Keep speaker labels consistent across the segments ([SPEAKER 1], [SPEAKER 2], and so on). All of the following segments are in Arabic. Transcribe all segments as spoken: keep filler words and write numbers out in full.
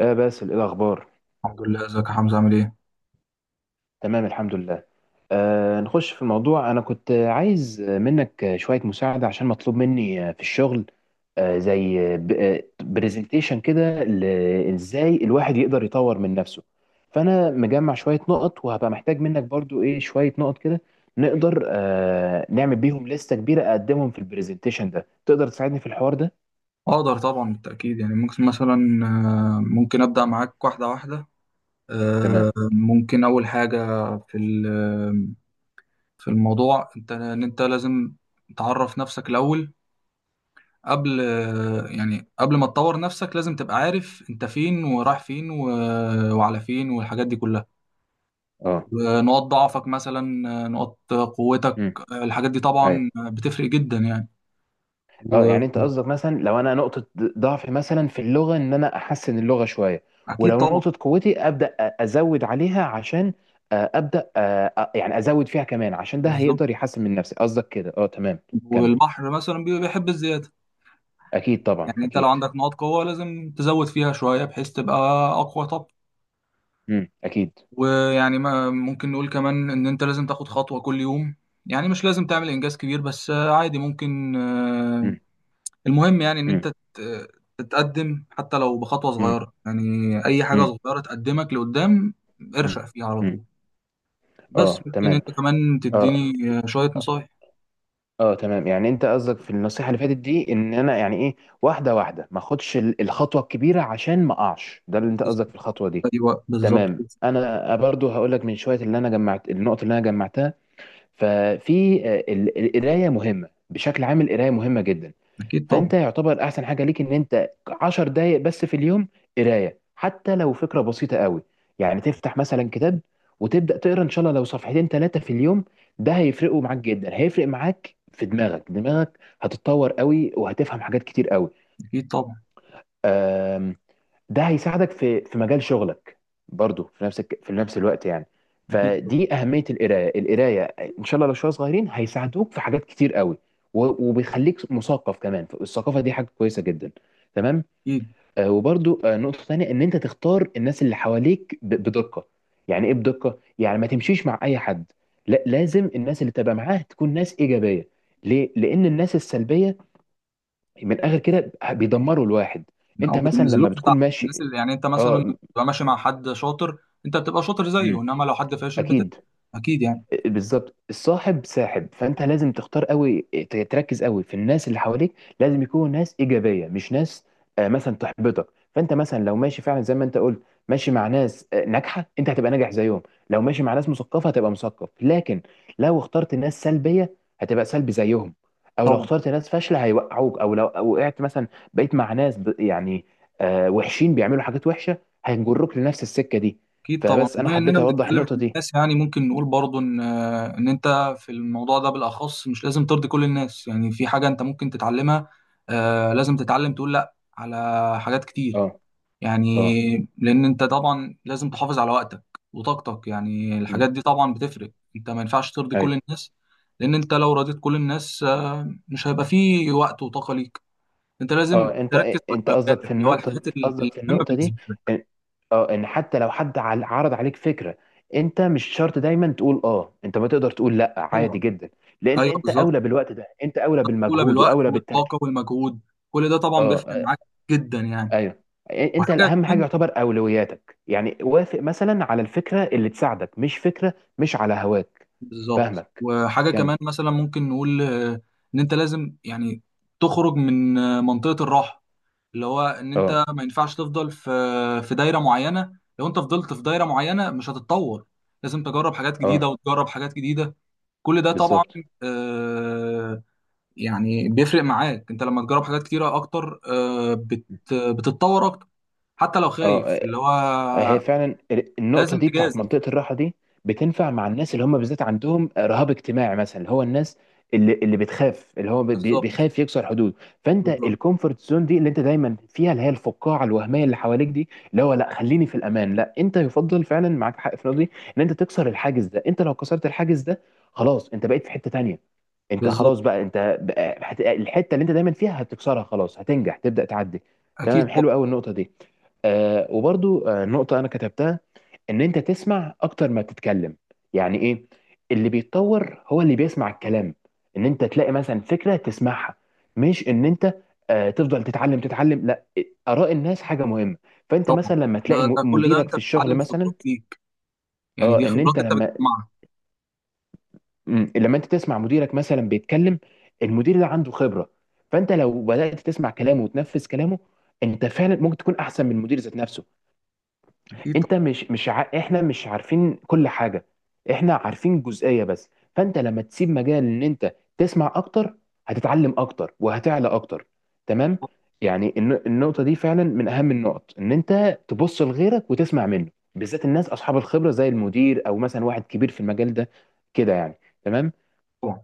[SPEAKER 1] آه باسل، ايه الاخبار؟
[SPEAKER 2] الحمد لله، ازيك يا حمزة عامل ايه؟
[SPEAKER 1] تمام الحمد لله. آه نخش في الموضوع. انا كنت عايز منك شوية مساعدة عشان مطلوب مني في الشغل، آه زي برزنتيشن كده ل- ازاي الواحد يقدر يطور من نفسه. فانا مجمع شوية نقط، وهبقى محتاج منك برضو ايه شوية نقط كده نقدر آه نعمل بيهم لستة كبيرة اقدمهم في البرزنتيشن ده. تقدر تساعدني في الحوار ده؟
[SPEAKER 2] اقدر طبعا، بالتأكيد. يعني ممكن مثلا آه، ممكن ابدأ معاك واحدة واحدة. آه،
[SPEAKER 1] تمام.
[SPEAKER 2] ممكن اول حاجة في ال- آه، في الموضوع، انت ان انت لازم تعرف نفسك الاول. قبل آه، يعني قبل ما تطور نفسك لازم تبقى عارف انت فين ورايح فين و- آه، وعلى فين والحاجات دي كلها.
[SPEAKER 1] اه.
[SPEAKER 2] نقاط ضعفك مثلا، آه، نقاط قوتك.
[SPEAKER 1] امم.
[SPEAKER 2] آه، الحاجات دي طبعا بتفرق جدا يعني،
[SPEAKER 1] اه، يعني انت
[SPEAKER 2] واكيد.
[SPEAKER 1] قصدك مثلا لو انا نقطة ضعفي مثلا في اللغة ان انا احسن اللغة شوية، ولو
[SPEAKER 2] طبعا.
[SPEAKER 1] نقطة قوتي ابدا أ- ازود عليها عشان آه، ابدا آه، آه، يعني ازود فيها كمان، عشان ده
[SPEAKER 2] بالظبط.
[SPEAKER 1] هيقدر يحسن من نفسي. قصدك كده؟ اه تمام. كمل.
[SPEAKER 2] والبحر مثلا بي- بيحب الزيادة.
[SPEAKER 1] اكيد طبعا،
[SPEAKER 2] يعني انت لو
[SPEAKER 1] اكيد.
[SPEAKER 2] عندك نقاط قوة لازم تزود فيها شوية بحيث تبقى أقوى. طب
[SPEAKER 1] امم، اكيد.
[SPEAKER 2] ويعني، ما ممكن نقول كمان إن انت لازم تاخد خطوة كل يوم. يعني مش لازم تعمل إنجاز كبير، بس عادي ممكن آه،
[SPEAKER 1] امم.
[SPEAKER 2] المهم يعني إن انت
[SPEAKER 1] امم.
[SPEAKER 2] تت- تتقدم حتى لو بخطوة
[SPEAKER 1] امم.
[SPEAKER 2] صغيرة يعني. أي حاجة
[SPEAKER 1] امم.
[SPEAKER 2] صغيرة تقدمك لقدام
[SPEAKER 1] امم.
[SPEAKER 2] ارشق فيها على
[SPEAKER 1] أمم.
[SPEAKER 2] طول. بس
[SPEAKER 1] اه
[SPEAKER 2] ممكن
[SPEAKER 1] تمام.
[SPEAKER 2] انت كمان
[SPEAKER 1] اه.
[SPEAKER 2] تديني آه، شوية نصايح.
[SPEAKER 1] اه تمام، يعني انت قصدك في النصيحة اللي فاتت دي ان انا يعني ايه واحدة واحدة، ما اخدش ال- الخطوة الكبيرة عشان ما اقعش؟ ده اللي انت قصدك في الخطوة دي؟
[SPEAKER 2] أيوة بالظبط.
[SPEAKER 1] تمام. انا برضو هقول لك من شويه اللي انا جمعت، النقط اللي انا جمعتها، ففي آه، ال- القرايه مهمه بشكل عام، القرايه مهمه جدا.
[SPEAKER 2] أكيد طبعا.
[SPEAKER 1] فانت يعتبر احسن حاجه ليك ان انت 10 دقائق بس في اليوم قرايه، حتى لو فكره بسيطه قوي، يعني تفتح مثلا كتاب وتبدا تقرا، ان شاء الله لو صفحتين ثلاثه في اليوم، ده هيفرقوا معاك جدا. هيفرق معاك في دماغك، دماغك هتتطور قوي، وهتفهم حاجات كتير قوي.
[SPEAKER 2] أكيد طبعا.
[SPEAKER 1] ده هيساعدك في في مجال شغلك برضو، في نفس الك- في نفس الوقت يعني.
[SPEAKER 2] أكيد.
[SPEAKER 1] فدي اهميه القرايه القرايه، ان شاء الله لو شويه صغيرين هيساعدوك في حاجات كتير قوي، و- وبيخليك مثقف كمان، فالثقافه دي حاجه كويسه جدا. تمام.
[SPEAKER 2] أكيد.
[SPEAKER 1] آه وبرضو آه نقطه تانية، ان انت تختار الناس اللي حواليك ب- بدقه. يعني ايه بدقه؟ يعني ما تمشيش مع اي حد، لا، لازم الناس اللي تبقى معاه تكون ناس ايجابيه. ليه؟ لان الناس السلبيه من الاخر كده بيدمروا الواحد. انت
[SPEAKER 2] او
[SPEAKER 1] مثلا لما
[SPEAKER 2] بينزلوك
[SPEAKER 1] بتكون
[SPEAKER 2] لتحت، الناس
[SPEAKER 1] ماشي.
[SPEAKER 2] اللي يعني انت مثلا
[SPEAKER 1] اه.
[SPEAKER 2] بتبقى ماشي مع حد شاطر انت بتبقى شاطر زيه،
[SPEAKER 1] امم.
[SPEAKER 2] انما لو حد فاشل بتبقى.
[SPEAKER 1] اكيد.
[SPEAKER 2] اكيد يعني.
[SPEAKER 1] بالظبط، الصاحب ساحب، فانت لازم تختار قوي ت- تركز قوي في الناس اللي حواليك، لازم يكونوا ناس ايجابيه مش ناس آه، مثلا تحبطك. فانت مثلا لو ماشي فعلا زي ما انت قلت، ماشي مع ناس آه، ناجحه، انت هتبقى ناجح زيهم. لو ماشي مع ناس مثقفه هتبقى مثقف، لكن لو اخترت ناس سلبيه هتبقى سلبي زيهم، او لو
[SPEAKER 2] طبعا
[SPEAKER 1] اخترت ناس فاشله هيوقعوك، او لو أو وقعت مثلا بقيت مع ناس ب- يعني آه، وحشين بيعملوا حاجات وحشه، هيجروك لنفس السكه دي.
[SPEAKER 2] اكيد. طبعا.
[SPEAKER 1] فبس انا
[SPEAKER 2] بما
[SPEAKER 1] حبيت
[SPEAKER 2] اننا
[SPEAKER 1] اوضح
[SPEAKER 2] بنتكلم
[SPEAKER 1] النقطه
[SPEAKER 2] عن
[SPEAKER 1] دي.
[SPEAKER 2] الناس، يعني ممكن نقول برضو ان ان انت في الموضوع ده بالاخص مش لازم ترضي كل الناس. يعني في حاجه انت ممكن تتعلمها. آه لازم تتعلم تقول لا على حاجات كتير
[SPEAKER 1] اه. اه.
[SPEAKER 2] يعني. لان انت طبعا لازم تحافظ على وقتك وطاقتك. يعني
[SPEAKER 1] مم.
[SPEAKER 2] الحاجات دي طبعا بتفرق، انت ما ينفعش ترضي كل
[SPEAKER 1] ايوه.
[SPEAKER 2] الناس. لان انت لو رضيت كل الناس آه، مش هيبقى فيه وقت وطاقة ليك. انت لازم
[SPEAKER 1] اه، انت
[SPEAKER 2] تركز في
[SPEAKER 1] انت قصدك في
[SPEAKER 2] اولوياتك، اللي هو
[SPEAKER 1] النقطه
[SPEAKER 2] الحاجات ال-
[SPEAKER 1] قصدك في
[SPEAKER 2] المهمة
[SPEAKER 1] النقطه دي،
[SPEAKER 2] بالنسبة لك.
[SPEAKER 1] إن- اه، ان حتى لو حد عل- عرض عليك فكره، انت مش شرط دايما تقول اه، انت ما تقدر تقول لا عادي
[SPEAKER 2] طبعا.
[SPEAKER 1] جدا، لان
[SPEAKER 2] ايوه
[SPEAKER 1] انت
[SPEAKER 2] بالظبط.
[SPEAKER 1] اولى بالوقت ده، انت اولى
[SPEAKER 2] اولى
[SPEAKER 1] بالمجهود
[SPEAKER 2] بالوقت
[SPEAKER 1] واولى
[SPEAKER 2] والطاقة
[SPEAKER 1] بالتركيز.
[SPEAKER 2] والمجهود. كل ده
[SPEAKER 1] اه.
[SPEAKER 2] طبعا بيفرق
[SPEAKER 1] آه.
[SPEAKER 2] معاك جدا يعني.
[SPEAKER 1] ايوه. إ- انت
[SPEAKER 2] وحاجة
[SPEAKER 1] الاهم حاجه
[SPEAKER 2] كمان،
[SPEAKER 1] يعتبر اولوياتك يعني، وافق مثلا على الفكره اللي تساعدك، مش فكره مش على هواك.
[SPEAKER 2] بالظبط.
[SPEAKER 1] فاهمك.
[SPEAKER 2] وحاجة
[SPEAKER 1] كمل.
[SPEAKER 2] كمان مثلا ممكن نقول آه، ان انت لازم يعني تخرج من آه، منطقة الراحة، اللي هو ان
[SPEAKER 1] اه.
[SPEAKER 2] انت ما ينفعش تفضل في في دايره معينه. لو انت فضلت في دايره معينه مش هتتطور. لازم تجرب حاجات
[SPEAKER 1] اه.
[SPEAKER 2] جديده، وتجرب حاجات جديده. كل ده طبعا
[SPEAKER 1] بالظبط.
[SPEAKER 2] آه، يعني بيفرق معاك. انت لما تجرب حاجات كتيره اكتر آه، بت بتتطور اكتر، حتى لو خايف
[SPEAKER 1] اه.
[SPEAKER 2] اللي
[SPEAKER 1] هي
[SPEAKER 2] هو
[SPEAKER 1] فعلا، النقطة
[SPEAKER 2] لازم
[SPEAKER 1] دي بتاعت
[SPEAKER 2] تجازف.
[SPEAKER 1] منطقة الراحة دي بتنفع مع الناس اللي هم بالذات عندهم رهاب اجتماعي مثلا، اللي هو الناس اللي اللي بتخاف، اللي هو بي-
[SPEAKER 2] بالظبط.
[SPEAKER 1] بيخاف يكسر حدود. فانت
[SPEAKER 2] بالظبط.
[SPEAKER 1] الكومفورت زون دي اللي انت دايما فيها، اللي هي الفقاعة الوهمية اللي حواليك دي، اللي هو لا خليني في الامان، لا، انت يفضل فعلا معاك حق في النقطة دي ان انت تكسر الحاجز ده. انت لو كسرت الحاجز ده خلاص، انت بقيت في حتة تانية. انت
[SPEAKER 2] بالظبط.
[SPEAKER 1] خلاص بقى، انت بقى- هت- الحتة اللي انت دايما فيها هتكسرها خلاص، هتنجح، تبدأ تعدي. تمام،
[SPEAKER 2] اكيد
[SPEAKER 1] حلو
[SPEAKER 2] طبعا.
[SPEAKER 1] قوي النقطة دي. آه وبرضو آه نقطة أنا كتبتها، إن أنت تسمع أكتر ما تتكلم. يعني إيه؟ اللي بيتطور هو اللي بيسمع الكلام. إن أنت تلاقي مثلا فكرة تسمعها، مش إن أنت آه تفضل تتعلم تتعلم، لا، آراء الناس حاجة مهمة. فأنت
[SPEAKER 2] طبعا.
[SPEAKER 1] مثلا لما
[SPEAKER 2] ده,
[SPEAKER 1] تلاقي م-
[SPEAKER 2] ده كل ده
[SPEAKER 1] مديرك
[SPEAKER 2] انت
[SPEAKER 1] في الشغل
[SPEAKER 2] بتتعلم
[SPEAKER 1] مثلا.
[SPEAKER 2] خبرات ليك. يعني
[SPEAKER 1] اه،
[SPEAKER 2] دي
[SPEAKER 1] إن
[SPEAKER 2] خبرات
[SPEAKER 1] أنت
[SPEAKER 2] انت
[SPEAKER 1] لما
[SPEAKER 2] بتجمعها.
[SPEAKER 1] م- لما أنت تسمع مديرك مثلا بيتكلم، المدير ده عنده خبرة، فأنت لو بدأت تسمع كلامه وتنفذ كلامه، أنت فعلا ممكن تكون أحسن من المدير ذات نفسه.
[SPEAKER 2] اكيد.
[SPEAKER 1] انت مش مش ع... احنا مش عارفين كل حاجه، احنا عارفين جزئيه بس. فانت لما تسيب مجال ان انت تسمع اكتر، هتتعلم اكتر وهتعلى اكتر. تمام.
[SPEAKER 2] طبعا.
[SPEAKER 1] يعني الن... النقطه دي فعلا من اهم النقط، ان انت تبص لغيرك وتسمع منه، بالذات الناس اصحاب الخبره زي المدير او مثلا واحد كبير في المجال ده كده يعني. تمام.
[SPEAKER 2] طبعا.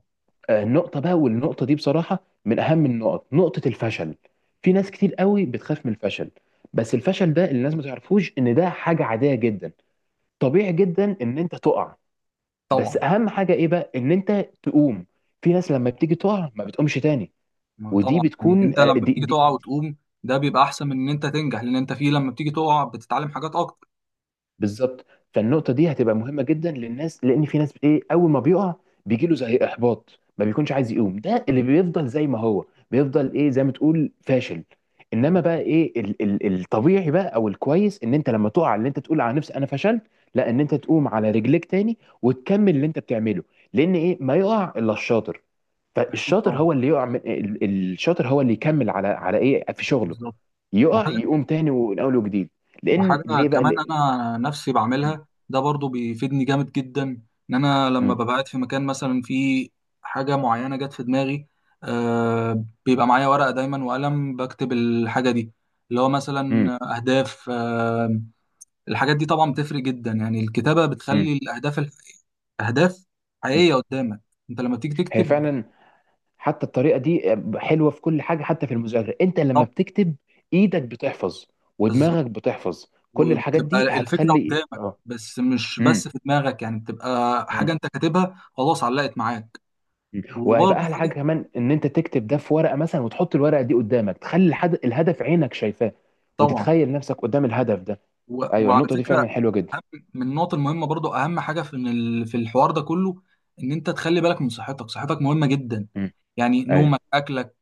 [SPEAKER 1] آه النقطه بقى، والنقطه دي بصراحه من اهم النقط، نقطه الفشل. في ناس كتير قوي بتخاف من الفشل، بس الفشل ده اللي الناس ما تعرفوش ان ده حاجه عاديه جدا، طبيعي جدا ان انت تقع. بس
[SPEAKER 2] طبعا.
[SPEAKER 1] اهم حاجه ايه بقى؟ ان انت تقوم. في ناس لما بتيجي تقع ما بتقومش تاني.
[SPEAKER 2] ما
[SPEAKER 1] ودي
[SPEAKER 2] طبعا، يعني
[SPEAKER 1] بتكون،
[SPEAKER 2] انت
[SPEAKER 1] آه،
[SPEAKER 2] لما
[SPEAKER 1] دي,
[SPEAKER 2] بتيجي
[SPEAKER 1] دي
[SPEAKER 2] تقع وتقوم ده بيبقى احسن من ان انت تنجح. لان انت فيه لما بتيجي تقع بتتعلم حاجات اكتر.
[SPEAKER 1] بالظبط. فالنقطه دي هتبقى مهمه جدا للناس، لان في ناس ايه اول ما بيقع بيجي له زي احباط، ما بيكونش
[SPEAKER 2] طبعا.
[SPEAKER 1] عايز يقوم، ده اللي بيفضل زي ما هو، بيفضل ايه زي ما تقول فاشل. انما بقى ايه ال ال الطبيعي بقى او الكويس، ان انت لما تقع ان انت تقول على نفسك انا فشلت؟ لا، ان انت تقوم على رجليك تاني وتكمل اللي انت بتعمله، لان ايه، ما يقع الا الشاطر.
[SPEAKER 2] اكيد.
[SPEAKER 1] فالشاطر
[SPEAKER 2] طبعا.
[SPEAKER 1] هو اللي يقع من ال- الشاطر هو اللي يكمل على على ايه في شغله،
[SPEAKER 2] بالظبط.
[SPEAKER 1] يقع
[SPEAKER 2] وحاجه.
[SPEAKER 1] يقوم تاني من اول وجديد. لان
[SPEAKER 2] وحاجه
[SPEAKER 1] ليه بقى،
[SPEAKER 2] كمان
[SPEAKER 1] ليه؟
[SPEAKER 2] انا نفسي بعملها ده برضو بيفيدني جامد جدا. ان انا لما
[SPEAKER 1] مم.
[SPEAKER 2] ببقى قاعد في مكان مثلا فيه حاجه معينه جت في دماغي، آه بيبقى معايا ورقه دايما وقلم بكتب الحاجه دي، اللي هو
[SPEAKER 1] مم.
[SPEAKER 2] مثلا اهداف. آه الحاجات دي طبعا بتفرق جدا يعني. الكتابه
[SPEAKER 1] مم.
[SPEAKER 2] بتخلي الاهداف اهداف
[SPEAKER 1] مم.
[SPEAKER 2] حقيقيه قدامك انت لما تيجي
[SPEAKER 1] هي
[SPEAKER 2] تكتب.
[SPEAKER 1] فعلا، حتى الطريقه دي حلوه في كل حاجه، حتى في المذاكره انت لما
[SPEAKER 2] طب
[SPEAKER 1] بتكتب، ايدك بتحفظ
[SPEAKER 2] بالظبط.
[SPEAKER 1] ودماغك بتحفظ. كل الحاجات
[SPEAKER 2] وبتبقى
[SPEAKER 1] دي
[SPEAKER 2] الفكره
[SPEAKER 1] هتخلي
[SPEAKER 2] قدامك،
[SPEAKER 1] اه.
[SPEAKER 2] بس مش بس
[SPEAKER 1] مم.
[SPEAKER 2] في دماغك. يعني بتبقى
[SPEAKER 1] مم.
[SPEAKER 2] حاجه انت كاتبها خلاص علقت معاك.
[SPEAKER 1] مم.
[SPEAKER 2] وبرضه
[SPEAKER 1] وهيبقى احلى حاجه
[SPEAKER 2] حاجه،
[SPEAKER 1] كمان ان انت تكتب ده في ورقه مثلا، وتحط الورقه دي قدامك، تخلي الحد... الهدف عينك شايفاه،
[SPEAKER 2] طبعا.
[SPEAKER 1] وتتخيل نفسك قدام الهدف ده.
[SPEAKER 2] و...
[SPEAKER 1] ايوه،
[SPEAKER 2] وعلى
[SPEAKER 1] النقطه دي
[SPEAKER 2] فكره،
[SPEAKER 1] فعلا حلوه جدا.
[SPEAKER 2] من النقط المهمه برضه اهم حاجه في إن ال... في الحوار ده كله، ان انت تخلي بالك من صحتك. صحتك مهمه جدا.
[SPEAKER 1] مم.
[SPEAKER 2] يعني
[SPEAKER 1] ايوه.
[SPEAKER 2] نومك، اكلك،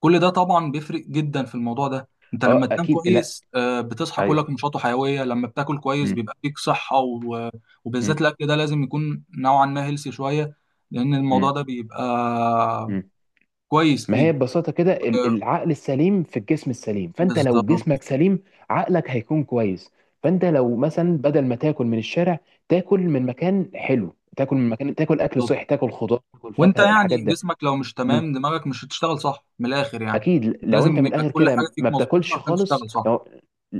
[SPEAKER 2] كل ده طبعا بيفرق جدا في الموضوع ده. انت لما
[SPEAKER 1] اه
[SPEAKER 2] تنام
[SPEAKER 1] اكيد، لا
[SPEAKER 2] كويس آه، بتصحى كلك
[SPEAKER 1] ايوه.
[SPEAKER 2] نشاط وحيويه. لما بتاكل كويس
[SPEAKER 1] مم.
[SPEAKER 2] بيبقى فيك صحه و... وبالذات
[SPEAKER 1] مم.
[SPEAKER 2] الاكل ده لازم يكون نوعا ما هيلسي شويه، لان الموضوع
[SPEAKER 1] مم.
[SPEAKER 2] ده بيبقى
[SPEAKER 1] مم.
[SPEAKER 2] كويس
[SPEAKER 1] ما هي
[SPEAKER 2] ليك.
[SPEAKER 1] ببساطة كده ال-
[SPEAKER 2] آه،
[SPEAKER 1] العقل السليم في الجسم السليم، فأنت لو
[SPEAKER 2] بالظبط.
[SPEAKER 1] جسمك سليم عقلك هيكون كويس. فأنت لو مثلا بدل ما تاكل من الشارع، تاكل من مكان حلو، تاكل من مكان، تاكل أكل
[SPEAKER 2] بالظبط.
[SPEAKER 1] صحي، تاكل خضار تاكل
[SPEAKER 2] وانت
[SPEAKER 1] فاكهة، الحاجات
[SPEAKER 2] يعني
[SPEAKER 1] ده.
[SPEAKER 2] جسمك لو مش
[SPEAKER 1] مم.
[SPEAKER 2] تمام دماغك مش هتشتغل صح من الاخر يعني.
[SPEAKER 1] أكيد، لو أنت
[SPEAKER 2] لازم
[SPEAKER 1] من
[SPEAKER 2] يبقى
[SPEAKER 1] الآخر
[SPEAKER 2] كل حاجه
[SPEAKER 1] كده
[SPEAKER 2] فيك
[SPEAKER 1] ما
[SPEAKER 2] مظبوطه
[SPEAKER 1] بتاكلش
[SPEAKER 2] عشان
[SPEAKER 1] خالص،
[SPEAKER 2] تشتغل صح.
[SPEAKER 1] لو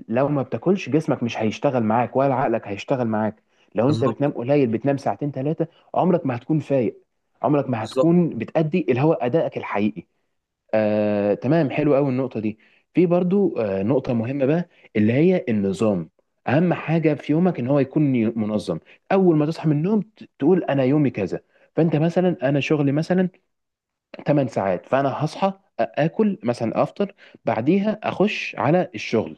[SPEAKER 1] لو ما بتاكلش جسمك مش هيشتغل معاك ولا عقلك هيشتغل معاك. لو أنت
[SPEAKER 2] بالظبط.
[SPEAKER 1] بتنام قليل، بتنام ساعتين ثلاثة، عمرك ما هتكون فايق، عمرك ما
[SPEAKER 2] بالظبط.
[SPEAKER 1] هتكون بتأدي اللي هو أدائك الحقيقي. آه، تمام حلو قوي النقطة دي. في برضو آه، نقطة مهمة بقى، اللي هي النظام. أهم حاجة في يومك إن هو يكون ي- منظم. أول ما تصحى من النوم ت- تقول أنا يومي كذا. فأنت مثلا، أنا شغلي مثلا 8 ساعات، فانا هصحى، اكل مثلا، افطر، بعديها اخش على الشغل،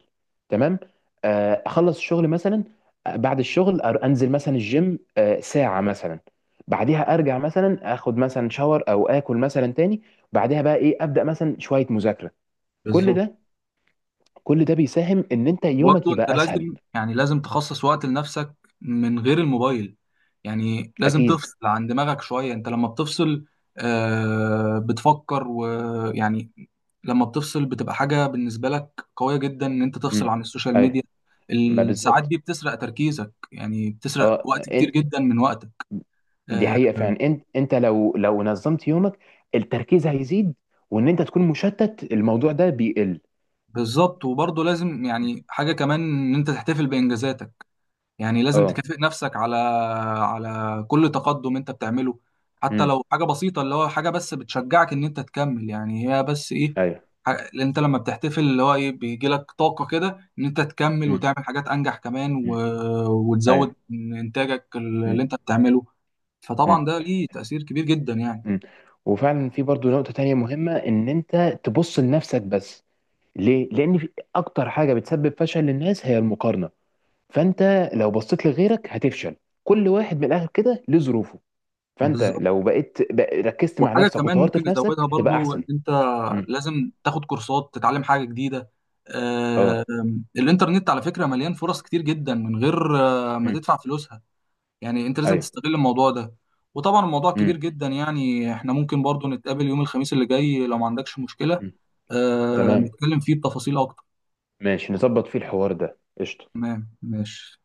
[SPEAKER 1] تمام، آه، اخلص الشغل مثلا، آه، بعد الشغل أر- انزل مثلا الجيم آه، ساعة مثلا، بعديها ارجع مثلا اخد مثلا شاور او اكل مثلا تاني، بعدها بقى ايه، ابدا مثلا شوية مذاكرة. كل
[SPEAKER 2] بالظبط.
[SPEAKER 1] ده كل ده بيساهم ان انت
[SPEAKER 2] برضه
[SPEAKER 1] يومك
[SPEAKER 2] انت
[SPEAKER 1] يبقى اسهل.
[SPEAKER 2] لازم يعني، لازم تخصص وقت لنفسك من غير الموبايل. يعني لازم
[SPEAKER 1] اكيد.
[SPEAKER 2] تفصل عن دماغك شوية. انت لما بتفصل آه بتفكر ويعني. لما بتفصل بتبقى حاجة بالنسبة لك قوية جدا ان انت تفصل
[SPEAKER 1] مم.
[SPEAKER 2] عن السوشيال
[SPEAKER 1] ايوه.
[SPEAKER 2] ميديا.
[SPEAKER 1] ما
[SPEAKER 2] الساعات
[SPEAKER 1] بالظبط.
[SPEAKER 2] دي بتسرق تركيزك، يعني بتسرق
[SPEAKER 1] اه.
[SPEAKER 2] وقت كتير جدا من وقتك.
[SPEAKER 1] دي
[SPEAKER 2] آه
[SPEAKER 1] حقيقة فعلا، انت انت لو لو نظمت يومك التركيز هيزيد، وان انت تكون مشتت الموضوع ده بيقل.
[SPEAKER 2] بالظبط. وبرضه لازم يعني حاجة كمان، ان انت تحتفل بإنجازاتك. يعني لازم
[SPEAKER 1] اه.
[SPEAKER 2] تكافئ نفسك على على كل تقدم انت بتعمله، حتى
[SPEAKER 1] امم.
[SPEAKER 2] لو حاجة بسيطة، اللي هو حاجة بس بتشجعك ان انت تكمل يعني. هي بس ايه،
[SPEAKER 1] ايوه.
[SPEAKER 2] ح- اللي انت لما بتحتفل اللي هو ايه بيجي لك طاقة كده ان انت تكمل
[SPEAKER 1] امم.
[SPEAKER 2] وتعمل حاجات انجح كمان و...
[SPEAKER 1] امم. ايوه.
[SPEAKER 2] وتزود من انتاجك
[SPEAKER 1] امم.
[SPEAKER 2] اللي انت بتعمله.
[SPEAKER 1] امم.
[SPEAKER 2] فطبعا ده ليه تأثير كبير جدا يعني.
[SPEAKER 1] امم. وفعلا في برضو نقطة تانية مهمة، ان انت تبص لنفسك بس. ليه؟ لان في اكتر حاجة بتسبب فشل للناس هي المقارنة، فانت لو بصيت لغيرك هتفشل. كل واحد من الاخر كده له ظروفه، فانت
[SPEAKER 2] بالظبط.
[SPEAKER 1] لو بقيت بق- ركزت مع
[SPEAKER 2] وحاجة
[SPEAKER 1] نفسك
[SPEAKER 2] كمان
[SPEAKER 1] وطورت
[SPEAKER 2] ممكن
[SPEAKER 1] في نفسك
[SPEAKER 2] نزودها
[SPEAKER 1] هتبقى
[SPEAKER 2] برضو، ان
[SPEAKER 1] احسن.
[SPEAKER 2] انت
[SPEAKER 1] امم.
[SPEAKER 2] لازم تاخد كورسات تتعلم حاجة جديدة. آه،
[SPEAKER 1] اه.
[SPEAKER 2] الانترنت على فكرة مليان فرص كتير جدا من غير آه، ما
[SPEAKER 1] امم.
[SPEAKER 2] تدفع فلوسها. يعني انت لازم
[SPEAKER 1] ايوه.
[SPEAKER 2] تستغل الموضوع ده. وطبعا الموضوع كبير
[SPEAKER 1] امم.
[SPEAKER 2] جدا يعني، احنا ممكن برضو نتقابل يوم الخميس اللي جاي لو ما عندكش مشكلة. آه،
[SPEAKER 1] تمام
[SPEAKER 2] نتكلم فيه بتفاصيل اكتر.
[SPEAKER 1] ماشي، نظبط فيه الحوار ده. قشطة.
[SPEAKER 2] تمام ماشي.